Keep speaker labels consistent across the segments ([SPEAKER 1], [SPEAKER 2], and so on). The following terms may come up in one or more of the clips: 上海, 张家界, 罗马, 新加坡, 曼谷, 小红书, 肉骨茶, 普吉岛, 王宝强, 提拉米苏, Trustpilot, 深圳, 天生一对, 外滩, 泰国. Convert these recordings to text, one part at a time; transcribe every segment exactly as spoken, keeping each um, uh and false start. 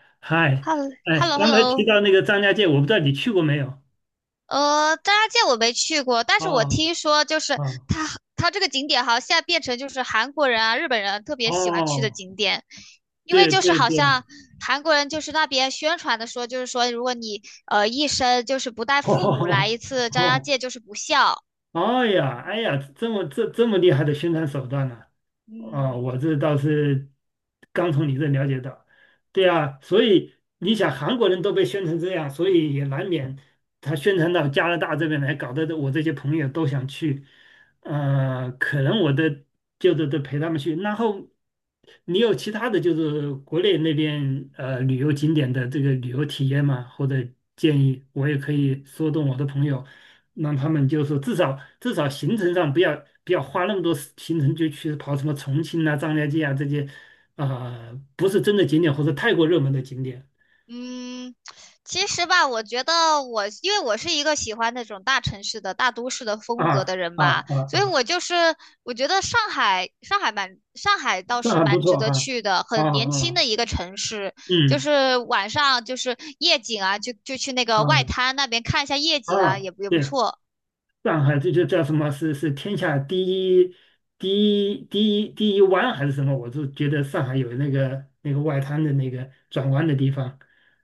[SPEAKER 1] 嗨，
[SPEAKER 2] Hello
[SPEAKER 1] 哎，
[SPEAKER 2] Hello
[SPEAKER 1] 刚才提
[SPEAKER 2] Hello，
[SPEAKER 1] 到那个张家界，我不知道你去过没有？
[SPEAKER 2] 呃，张家界我没去过，但是我
[SPEAKER 1] 啊
[SPEAKER 2] 听说就是
[SPEAKER 1] 啊，
[SPEAKER 2] 它它这个景点好像现在变成就是韩国人啊、日本人啊特别喜欢去的
[SPEAKER 1] 哦，
[SPEAKER 2] 景点，因为
[SPEAKER 1] 对
[SPEAKER 2] 就是
[SPEAKER 1] 对
[SPEAKER 2] 好
[SPEAKER 1] 对，
[SPEAKER 2] 像韩国人就是那边宣传的说，就是说如果你呃一生就是不带 父母来
[SPEAKER 1] 哦
[SPEAKER 2] 一次张家
[SPEAKER 1] 哦，
[SPEAKER 2] 界就是不孝。
[SPEAKER 1] 哦，哎呀，哎呀，这么这这么厉害的宣传手段呢。哦，
[SPEAKER 2] 嗯。
[SPEAKER 1] 我这倒是刚从你这了解到。对啊，所以你想韩国人都被宣成这样，所以也难免他宣传到加拿大这边来，搞得我这些朋友都想去，呃，可能我的就得得陪他们去。然后你有其他的就是国内那边呃旅游景点的这个旅游体验吗？或者建议，我也可以说动我的朋友，让他们就是说至少至少行程上不要不要花那么多时行程就去跑什么重庆啊、张家界啊这些，啊、不是真的景点或者太过热门的景点。
[SPEAKER 2] 嗯，其实吧，我觉得我，因为我是一个喜欢那种大城市的、大都市的
[SPEAKER 1] 啊
[SPEAKER 2] 风格的人
[SPEAKER 1] 啊
[SPEAKER 2] 吧，
[SPEAKER 1] 啊
[SPEAKER 2] 所以
[SPEAKER 1] 啊，
[SPEAKER 2] 我就是我觉得上海，上海蛮，上海倒
[SPEAKER 1] 上
[SPEAKER 2] 是
[SPEAKER 1] 海不
[SPEAKER 2] 蛮值
[SPEAKER 1] 错
[SPEAKER 2] 得
[SPEAKER 1] 哈，
[SPEAKER 2] 去的，
[SPEAKER 1] 啊
[SPEAKER 2] 很年轻
[SPEAKER 1] 啊，
[SPEAKER 2] 的一个城市，就
[SPEAKER 1] 嗯，
[SPEAKER 2] 是晚上就是夜景啊，就就去那个外
[SPEAKER 1] 啊
[SPEAKER 2] 滩那边看一下夜景啊，
[SPEAKER 1] 啊，
[SPEAKER 2] 也不也不
[SPEAKER 1] 对。
[SPEAKER 2] 错。
[SPEAKER 1] 上海这就叫什么，是是天下第一第一第一第一湾还是什么？我就觉得上海有那个那个外滩的那个转弯的地方，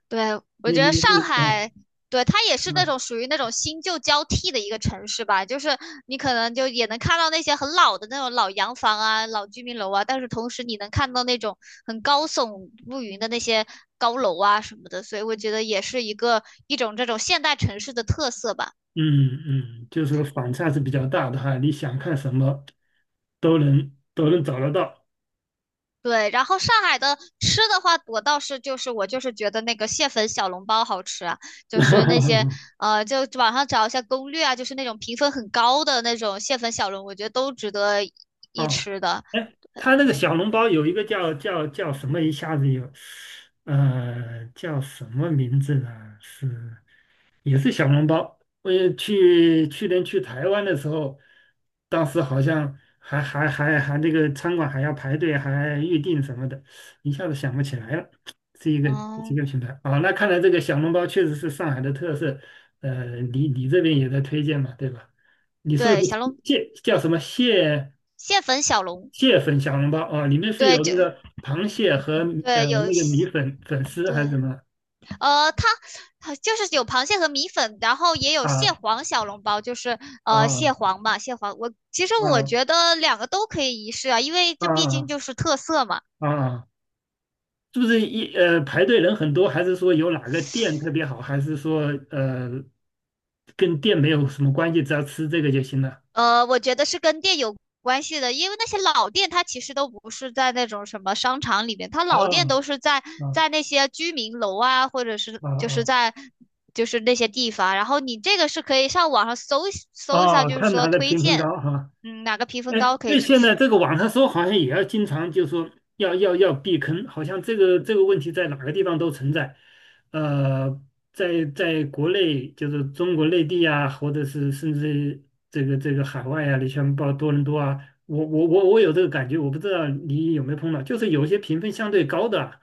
[SPEAKER 2] 对，我
[SPEAKER 1] 那
[SPEAKER 2] 觉得
[SPEAKER 1] 那
[SPEAKER 2] 上
[SPEAKER 1] 那。
[SPEAKER 2] 海，对，它也是那种
[SPEAKER 1] 嗯
[SPEAKER 2] 属于那种新旧交替的一个城市吧，就是你可能就也能看到那些很老的那种老洋房啊、老居民楼啊，但是同时你能看到那种很高耸入云的那些高楼啊什么的，所以我觉得也是一个一种这种现代城市的特色吧。
[SPEAKER 1] 嗯嗯，就是说反差是比较大的哈，你想看什么都能都能找得到。
[SPEAKER 2] 对，然后上海的吃的话，我倒是就是我就是觉得那个蟹粉小笼包好吃啊，就是那些 呃，就网上找一下攻略啊，就是那种评分很高的那种蟹粉小笼，我觉得都值得一
[SPEAKER 1] 啊，
[SPEAKER 2] 吃的。
[SPEAKER 1] 哎，他那个小笼包有一个叫叫叫什么，一下子有，呃，叫什么名字呢？是。也是小笼包。我也去去年去台湾的时候，当时好像还还还还那个餐馆还要排队，还预定什么的，一下子想不起来了。是一个是一
[SPEAKER 2] 嗯，
[SPEAKER 1] 个品牌啊，那看来这个小笼包确实是上海的特色。呃，你你这边也在推荐嘛，对吧？你说的
[SPEAKER 2] 对，
[SPEAKER 1] 是
[SPEAKER 2] 小笼
[SPEAKER 1] 蟹，叫什么蟹，
[SPEAKER 2] 蟹粉小笼，
[SPEAKER 1] 蟹粉小笼包啊？里面是
[SPEAKER 2] 对，
[SPEAKER 1] 有
[SPEAKER 2] 就
[SPEAKER 1] 那个螃蟹和呃
[SPEAKER 2] 对有
[SPEAKER 1] 那个米
[SPEAKER 2] 蟹
[SPEAKER 1] 粉粉丝
[SPEAKER 2] 对，
[SPEAKER 1] 还是什么？
[SPEAKER 2] 呃，它它就是有螃蟹和米粉，然后也有蟹
[SPEAKER 1] 啊
[SPEAKER 2] 黄小笼包，就是呃蟹
[SPEAKER 1] 啊
[SPEAKER 2] 黄嘛，蟹黄我其实我觉
[SPEAKER 1] 啊
[SPEAKER 2] 得两个都可以一试啊，因为
[SPEAKER 1] 啊
[SPEAKER 2] 这毕竟
[SPEAKER 1] 啊！
[SPEAKER 2] 就是特色嘛。
[SPEAKER 1] 啊啊，是不是一呃排队人很多，还是说有哪个店特别好，还是说呃跟店没有什么关系，只要吃这个就行了？
[SPEAKER 2] 呃，我觉得是跟店有关系的，因为那些老店它其实都不是在那种什么商场里面，它老店
[SPEAKER 1] 啊
[SPEAKER 2] 都是在
[SPEAKER 1] 啊
[SPEAKER 2] 在那些居民楼啊，或者是
[SPEAKER 1] 啊
[SPEAKER 2] 就是
[SPEAKER 1] 啊
[SPEAKER 2] 在就是那些地方。然后你这个是可以上网上搜一搜一下，
[SPEAKER 1] 啊！
[SPEAKER 2] 就是
[SPEAKER 1] 看
[SPEAKER 2] 说
[SPEAKER 1] 哪个
[SPEAKER 2] 推
[SPEAKER 1] 评分
[SPEAKER 2] 荐。
[SPEAKER 1] 高哈。
[SPEAKER 2] 嗯，哪个评分
[SPEAKER 1] 哎，
[SPEAKER 2] 高可以
[SPEAKER 1] 那
[SPEAKER 2] 去
[SPEAKER 1] 现在
[SPEAKER 2] 试。
[SPEAKER 1] 这个网上说好像也要经常就说要要要避坑，好像这个这个问题在哪个地方都存在。呃，在在国内就是中国内地啊，或者是甚至这个这个海外啊，你像报多伦多啊，我我我我有这个感觉，我不知道你有没有碰到，就是有些评分相对高的啊，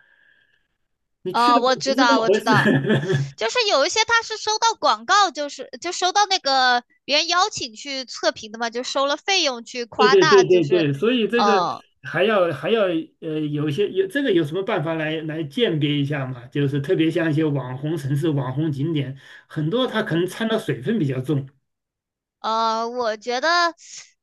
[SPEAKER 1] 你去
[SPEAKER 2] 哦，
[SPEAKER 1] 了
[SPEAKER 2] 我
[SPEAKER 1] 不
[SPEAKER 2] 知
[SPEAKER 1] 是那
[SPEAKER 2] 道，
[SPEAKER 1] 么
[SPEAKER 2] 我
[SPEAKER 1] 回
[SPEAKER 2] 知
[SPEAKER 1] 事。
[SPEAKER 2] 道，就是有一些他是收到广告，就是就收到那个别人邀请去测评的嘛，就收了费用去
[SPEAKER 1] 对
[SPEAKER 2] 夸
[SPEAKER 1] 对
[SPEAKER 2] 大，
[SPEAKER 1] 对
[SPEAKER 2] 就
[SPEAKER 1] 对
[SPEAKER 2] 是，
[SPEAKER 1] 对，所以这个
[SPEAKER 2] 呃，
[SPEAKER 1] 还要还要，呃，有一些有这个有什么办法来来鉴别一下嘛？就是特别像一些网红城市、网红景点，很多它可能
[SPEAKER 2] 嗯。
[SPEAKER 1] 掺的水分比较重
[SPEAKER 2] 呃，我觉得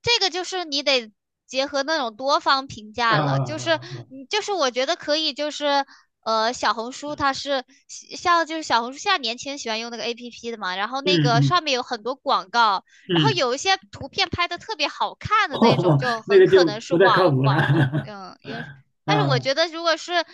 [SPEAKER 2] 这个就是你得结合那种多方评价了，就是
[SPEAKER 1] 啊。
[SPEAKER 2] 你就是我觉得可以，就是呃，小红书它是喜像就是小红书现在年轻人喜欢用那个 A P P 的嘛，然后那
[SPEAKER 1] 嗯
[SPEAKER 2] 个
[SPEAKER 1] 嗯
[SPEAKER 2] 上面有很多广告，然后
[SPEAKER 1] 嗯，
[SPEAKER 2] 有一些图片拍的特别好 看的那种，
[SPEAKER 1] 哦，
[SPEAKER 2] 就
[SPEAKER 1] 那
[SPEAKER 2] 很
[SPEAKER 1] 个
[SPEAKER 2] 可
[SPEAKER 1] 就
[SPEAKER 2] 能是
[SPEAKER 1] 不太靠
[SPEAKER 2] 网
[SPEAKER 1] 谱了。
[SPEAKER 2] 网红，嗯，也但是我
[SPEAKER 1] 啊，
[SPEAKER 2] 觉得如果是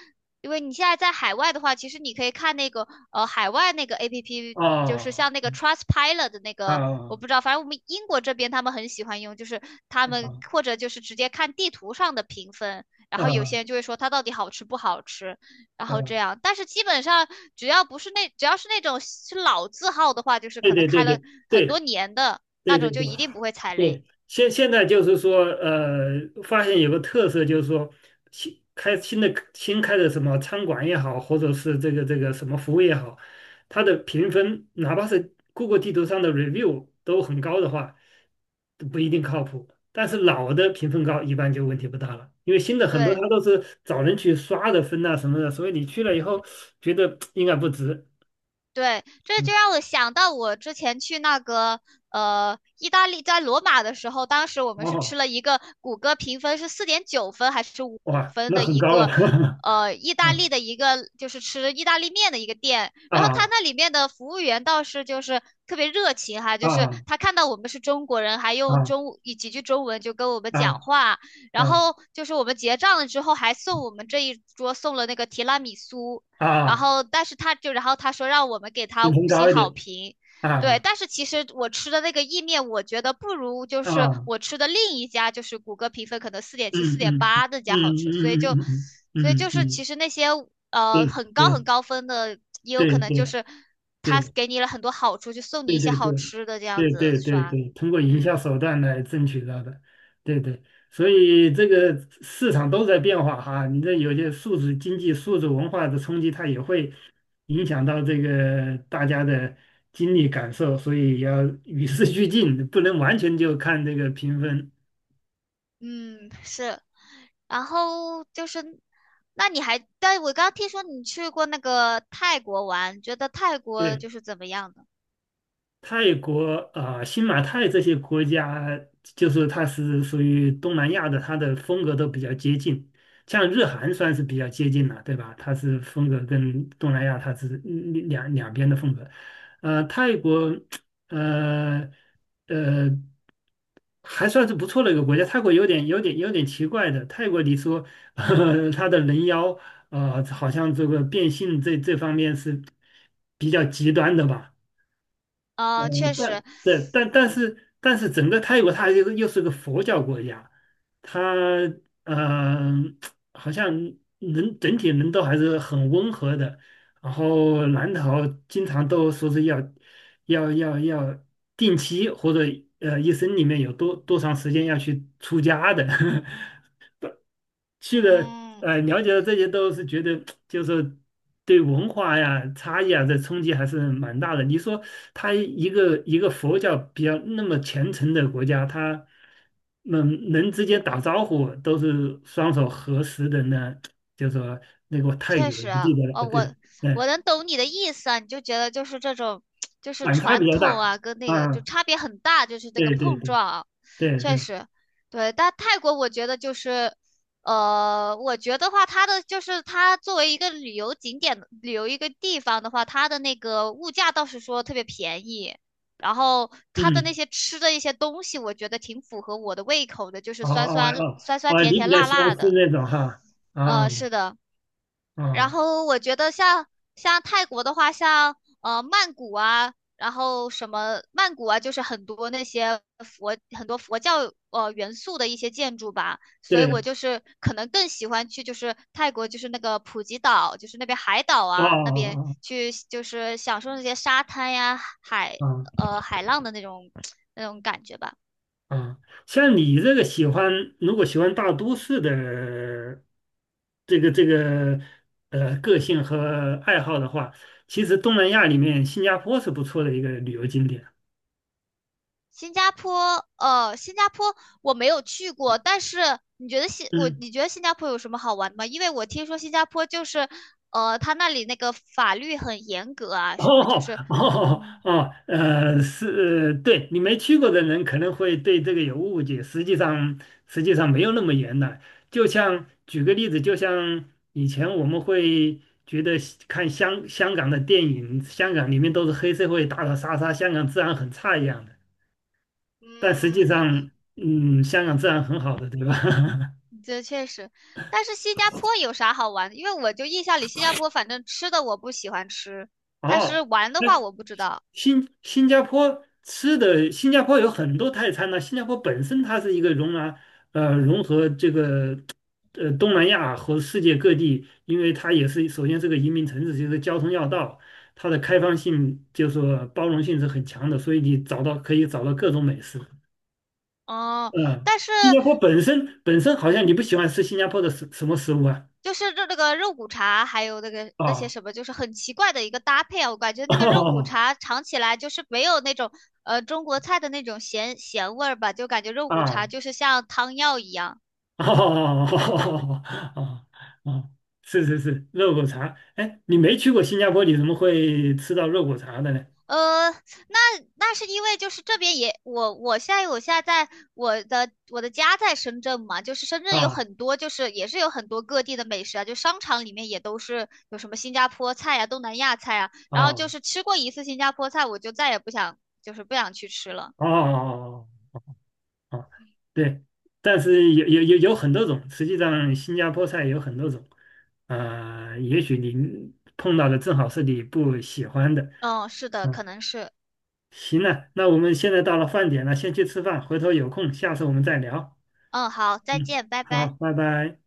[SPEAKER 2] 因为你现在在海外的话，其实你可以看那个呃海外那个 A P P,就是
[SPEAKER 1] 哦，
[SPEAKER 2] 像那个 Trustpilot 的那
[SPEAKER 1] 啊
[SPEAKER 2] 个，我
[SPEAKER 1] 啊
[SPEAKER 2] 不知道，反正我们英国这边他们很喜欢用，就是他们或
[SPEAKER 1] 啊
[SPEAKER 2] 者就是直接看地图上的评分，然后有些
[SPEAKER 1] 啊
[SPEAKER 2] 人就会说它到底好吃不好吃，然后
[SPEAKER 1] 啊，
[SPEAKER 2] 这样。但是基本上只要不是那只要是那种是老字号的话，就是
[SPEAKER 1] 对
[SPEAKER 2] 可能
[SPEAKER 1] 对对
[SPEAKER 2] 开
[SPEAKER 1] 对
[SPEAKER 2] 了很多
[SPEAKER 1] 对
[SPEAKER 2] 年的那
[SPEAKER 1] 对对
[SPEAKER 2] 种，就
[SPEAKER 1] 对
[SPEAKER 2] 一定不会踩雷。
[SPEAKER 1] 对。现现在就是说，呃，发现有个特色，就是说新开新的新开的什么餐馆也好，或者是这个这个什么服务也好，它的评分，哪怕是 Google 地图上的 review 都很高的话，都不一定靠谱。但是老的评分高，一般就问题不大了，因为新的很多
[SPEAKER 2] 对。
[SPEAKER 1] 它都是找人去刷的分啊什么的，所以你去了以后觉得 应该不值。
[SPEAKER 2] 对，这
[SPEAKER 1] 嗯，
[SPEAKER 2] 就让我想到我之前去那个呃意大利，在罗马的时候，当时我们是吃
[SPEAKER 1] 哦，
[SPEAKER 2] 了一个谷歌评分是四点九分还是五
[SPEAKER 1] 哇，
[SPEAKER 2] 分
[SPEAKER 1] 那
[SPEAKER 2] 的
[SPEAKER 1] 很
[SPEAKER 2] 一
[SPEAKER 1] 高了，
[SPEAKER 2] 个 呃意大利
[SPEAKER 1] 嗯，
[SPEAKER 2] 的一个就是吃意大利面的一个店，然后他
[SPEAKER 1] 啊
[SPEAKER 2] 那里面的服务员倒是就是特别热情哈，
[SPEAKER 1] 啊。
[SPEAKER 2] 就是
[SPEAKER 1] 啊
[SPEAKER 2] 他看到我们是中国人，还用
[SPEAKER 1] 啊
[SPEAKER 2] 中以几句中文就跟我们
[SPEAKER 1] 啊
[SPEAKER 2] 讲话，然
[SPEAKER 1] 啊
[SPEAKER 2] 后就是我们结账了之后还送我们这一桌送了那个提拉米苏。然
[SPEAKER 1] 啊，
[SPEAKER 2] 后但是他就然后他说让我们给他
[SPEAKER 1] 音频
[SPEAKER 2] 五星
[SPEAKER 1] 高一
[SPEAKER 2] 好
[SPEAKER 1] 点，
[SPEAKER 2] 评，对，
[SPEAKER 1] 啊
[SPEAKER 2] 但是其实我吃的那个意面，我觉得不如就是
[SPEAKER 1] 啊，
[SPEAKER 2] 我吃的另一家，就是谷歌评分可能四点七、四
[SPEAKER 1] 嗯
[SPEAKER 2] 点
[SPEAKER 1] 嗯
[SPEAKER 2] 八那
[SPEAKER 1] 嗯
[SPEAKER 2] 家好吃，所以
[SPEAKER 1] 嗯
[SPEAKER 2] 就
[SPEAKER 1] 嗯嗯
[SPEAKER 2] 所以
[SPEAKER 1] 嗯
[SPEAKER 2] 就
[SPEAKER 1] 嗯，
[SPEAKER 2] 是其
[SPEAKER 1] 嗯，
[SPEAKER 2] 实那些呃
[SPEAKER 1] 对
[SPEAKER 2] 很高很高分的，也有
[SPEAKER 1] 对
[SPEAKER 2] 可
[SPEAKER 1] 对
[SPEAKER 2] 能就
[SPEAKER 1] 对
[SPEAKER 2] 是他给你了很多好处，就送你
[SPEAKER 1] 对
[SPEAKER 2] 一些
[SPEAKER 1] 对对
[SPEAKER 2] 好吃的这样
[SPEAKER 1] 对
[SPEAKER 2] 子
[SPEAKER 1] 对对对
[SPEAKER 2] 刷。
[SPEAKER 1] 对，通过营
[SPEAKER 2] 嗯。
[SPEAKER 1] 销手段来争取到的。对对，所以这个市场都在变化哈，你这有些数字经济、数字文化的冲击，它也会影响到这个大家的经历感受，所以要与时俱进，不能完全就看这个评分，
[SPEAKER 2] 嗯，是。然后就是，那你还，但我刚刚听说你去过那个泰国玩，觉得泰国
[SPEAKER 1] 对。
[SPEAKER 2] 就是怎么样的？
[SPEAKER 1] 泰国啊、呃新马泰这些国家，就是它是属于东南亚的，它的风格都比较接近。像日韩算是比较接近了，对吧？它是风格跟东南亚它是嗯两两边的风格。呃，泰国，呃呃，还算是不错的一个国家。泰国有点有点有点奇怪的，泰国你说，呃它的人妖，呃，好像这个变性这这方面是比较极端的吧。
[SPEAKER 2] 啊、
[SPEAKER 1] 嗯，
[SPEAKER 2] 确实，
[SPEAKER 1] 但对，但但是但是整个泰国它又又是个佛教国家，它嗯、呃好像人整体人都还是很温和的，然后南逃经常都说是要要要要定期或者呃一生里面有多多长时间要去出家的，去了，
[SPEAKER 2] 嗯，
[SPEAKER 1] 呃，了解了这些都是觉得，就是对文化呀、差异啊这冲击还是蛮大的。你说他一个一个佛教比较那么虔诚的国家，他嗯人之间打招呼都是双手合十的呢，就说那个泰
[SPEAKER 2] 确
[SPEAKER 1] 语我
[SPEAKER 2] 实，
[SPEAKER 1] 不记得了，
[SPEAKER 2] 哦，我
[SPEAKER 1] 对，对，
[SPEAKER 2] 我能懂你的意思啊，你就觉得就是这种，就是
[SPEAKER 1] 反差比
[SPEAKER 2] 传
[SPEAKER 1] 较
[SPEAKER 2] 统
[SPEAKER 1] 大
[SPEAKER 2] 啊，跟那个就
[SPEAKER 1] 啊，
[SPEAKER 2] 差别很大，就是这个
[SPEAKER 1] 对对
[SPEAKER 2] 碰
[SPEAKER 1] 对
[SPEAKER 2] 撞啊，
[SPEAKER 1] 对
[SPEAKER 2] 确
[SPEAKER 1] 对，
[SPEAKER 2] 实。对。但泰国我觉得就是，呃，我觉得话，它的就是它作为一个旅游景点、旅游一个地方的话，它的那个物价倒是说特别便宜，然后它的那
[SPEAKER 1] 嗯，
[SPEAKER 2] 些吃的一些东西，我觉得挺符合我的胃口的，就是
[SPEAKER 1] 哦
[SPEAKER 2] 酸
[SPEAKER 1] 哦
[SPEAKER 2] 酸
[SPEAKER 1] 哦
[SPEAKER 2] 酸酸
[SPEAKER 1] 哦，
[SPEAKER 2] 甜
[SPEAKER 1] 你比
[SPEAKER 2] 甜
[SPEAKER 1] 较
[SPEAKER 2] 辣
[SPEAKER 1] 喜欢
[SPEAKER 2] 辣
[SPEAKER 1] 吃
[SPEAKER 2] 的，
[SPEAKER 1] 那种哈，啊
[SPEAKER 2] 呃，是的。然
[SPEAKER 1] 啊，
[SPEAKER 2] 后我觉得像像泰国的话，像呃曼谷啊，然后什么曼谷啊，就是很多那些佛很多佛教呃元素的一些建筑吧，所以我
[SPEAKER 1] 对，
[SPEAKER 2] 就是可能更喜欢去就是泰国就是那个普吉岛，就是那边海岛
[SPEAKER 1] 哦哦
[SPEAKER 2] 啊那边
[SPEAKER 1] 哦
[SPEAKER 2] 去就是享受那些沙滩呀海
[SPEAKER 1] 哦。哦，
[SPEAKER 2] 呃海浪的那种 那种感觉吧。
[SPEAKER 1] 啊，像你这个喜欢，如果喜欢大都市的这个这个呃个性和爱好的话，其实东南亚里面新加坡是不错的一个旅游景点。
[SPEAKER 2] 新加坡，呃，新加坡我没有去过，但是你觉得新我
[SPEAKER 1] 嗯。
[SPEAKER 2] 你觉得新加坡有什么好玩的吗？因为我听说新加坡就是，呃，他那里那个法律很严格 啊，什么就
[SPEAKER 1] 哦
[SPEAKER 2] 是，
[SPEAKER 1] 哦
[SPEAKER 2] 嗯
[SPEAKER 1] 哦，呃，是，对，你没去过的人可能会对这个有误解，实际上实际上没有那么严的。就像举个例子，就像以前我们会觉得看香香港的电影，香港里面都是黑社会打打杀杀，香港治安很差一样的。但实
[SPEAKER 2] 嗯，
[SPEAKER 1] 际上，嗯，香港治安很好的，对吧？
[SPEAKER 2] 这确实，但是新加坡有啥好玩的？因为我就印象里新加坡反正吃的我不喜欢吃，但是
[SPEAKER 1] 哦，
[SPEAKER 2] 玩的话我不知道。
[SPEAKER 1] 新新加坡吃的，新加坡有很多泰餐呢、新加坡本身它是一个容纳呃融合这个呃东南亚和世界各地，因为它也是首先是个移民城市，就是交通要道，它的开放性就是说包容性是很强的，所以你找到可以找到各种美食。
[SPEAKER 2] 哦，
[SPEAKER 1] 嗯，
[SPEAKER 2] 但是，
[SPEAKER 1] 新加坡本身本身好像你不
[SPEAKER 2] 嗯，
[SPEAKER 1] 喜欢吃新加坡的什什么食物啊？
[SPEAKER 2] 就是这那个肉骨茶，还有那个那些
[SPEAKER 1] 啊
[SPEAKER 2] 什么，就是很奇怪的一个搭配啊。我感觉那个肉骨 茶尝起来就是没有那种呃中国菜的那种咸咸味儿吧，就感觉肉骨茶
[SPEAKER 1] 啊，
[SPEAKER 2] 就是像汤药一样。
[SPEAKER 1] 哦，哦，哦，是是是，肉骨茶。哎，你没去过新加坡，你怎么会吃到肉骨茶的呢？
[SPEAKER 2] 呃，那那是因为就是这边也我我现在我现在在我的我的家在深圳嘛，就是深圳有
[SPEAKER 1] 啊
[SPEAKER 2] 很多就是也是有很多各地的美食啊，就商场里面也都是有什么新加坡菜啊、东南亚菜啊，然后就是
[SPEAKER 1] 啊，
[SPEAKER 2] 吃过一次新加坡菜，我就再也不想就是不想去吃了。
[SPEAKER 1] 哦哦，对，但是有有有有很多种，实际上新加坡菜有很多种，啊，也许你碰到的正好是你不喜欢的。
[SPEAKER 2] 嗯，是的，可
[SPEAKER 1] 嗯，
[SPEAKER 2] 能是。
[SPEAKER 1] 行了，那我们现在到了饭点了，先去吃饭，回头有空下次我们再聊。
[SPEAKER 2] 嗯，好，再
[SPEAKER 1] 嗯，
[SPEAKER 2] 见，拜
[SPEAKER 1] 好，
[SPEAKER 2] 拜。
[SPEAKER 1] 拜拜。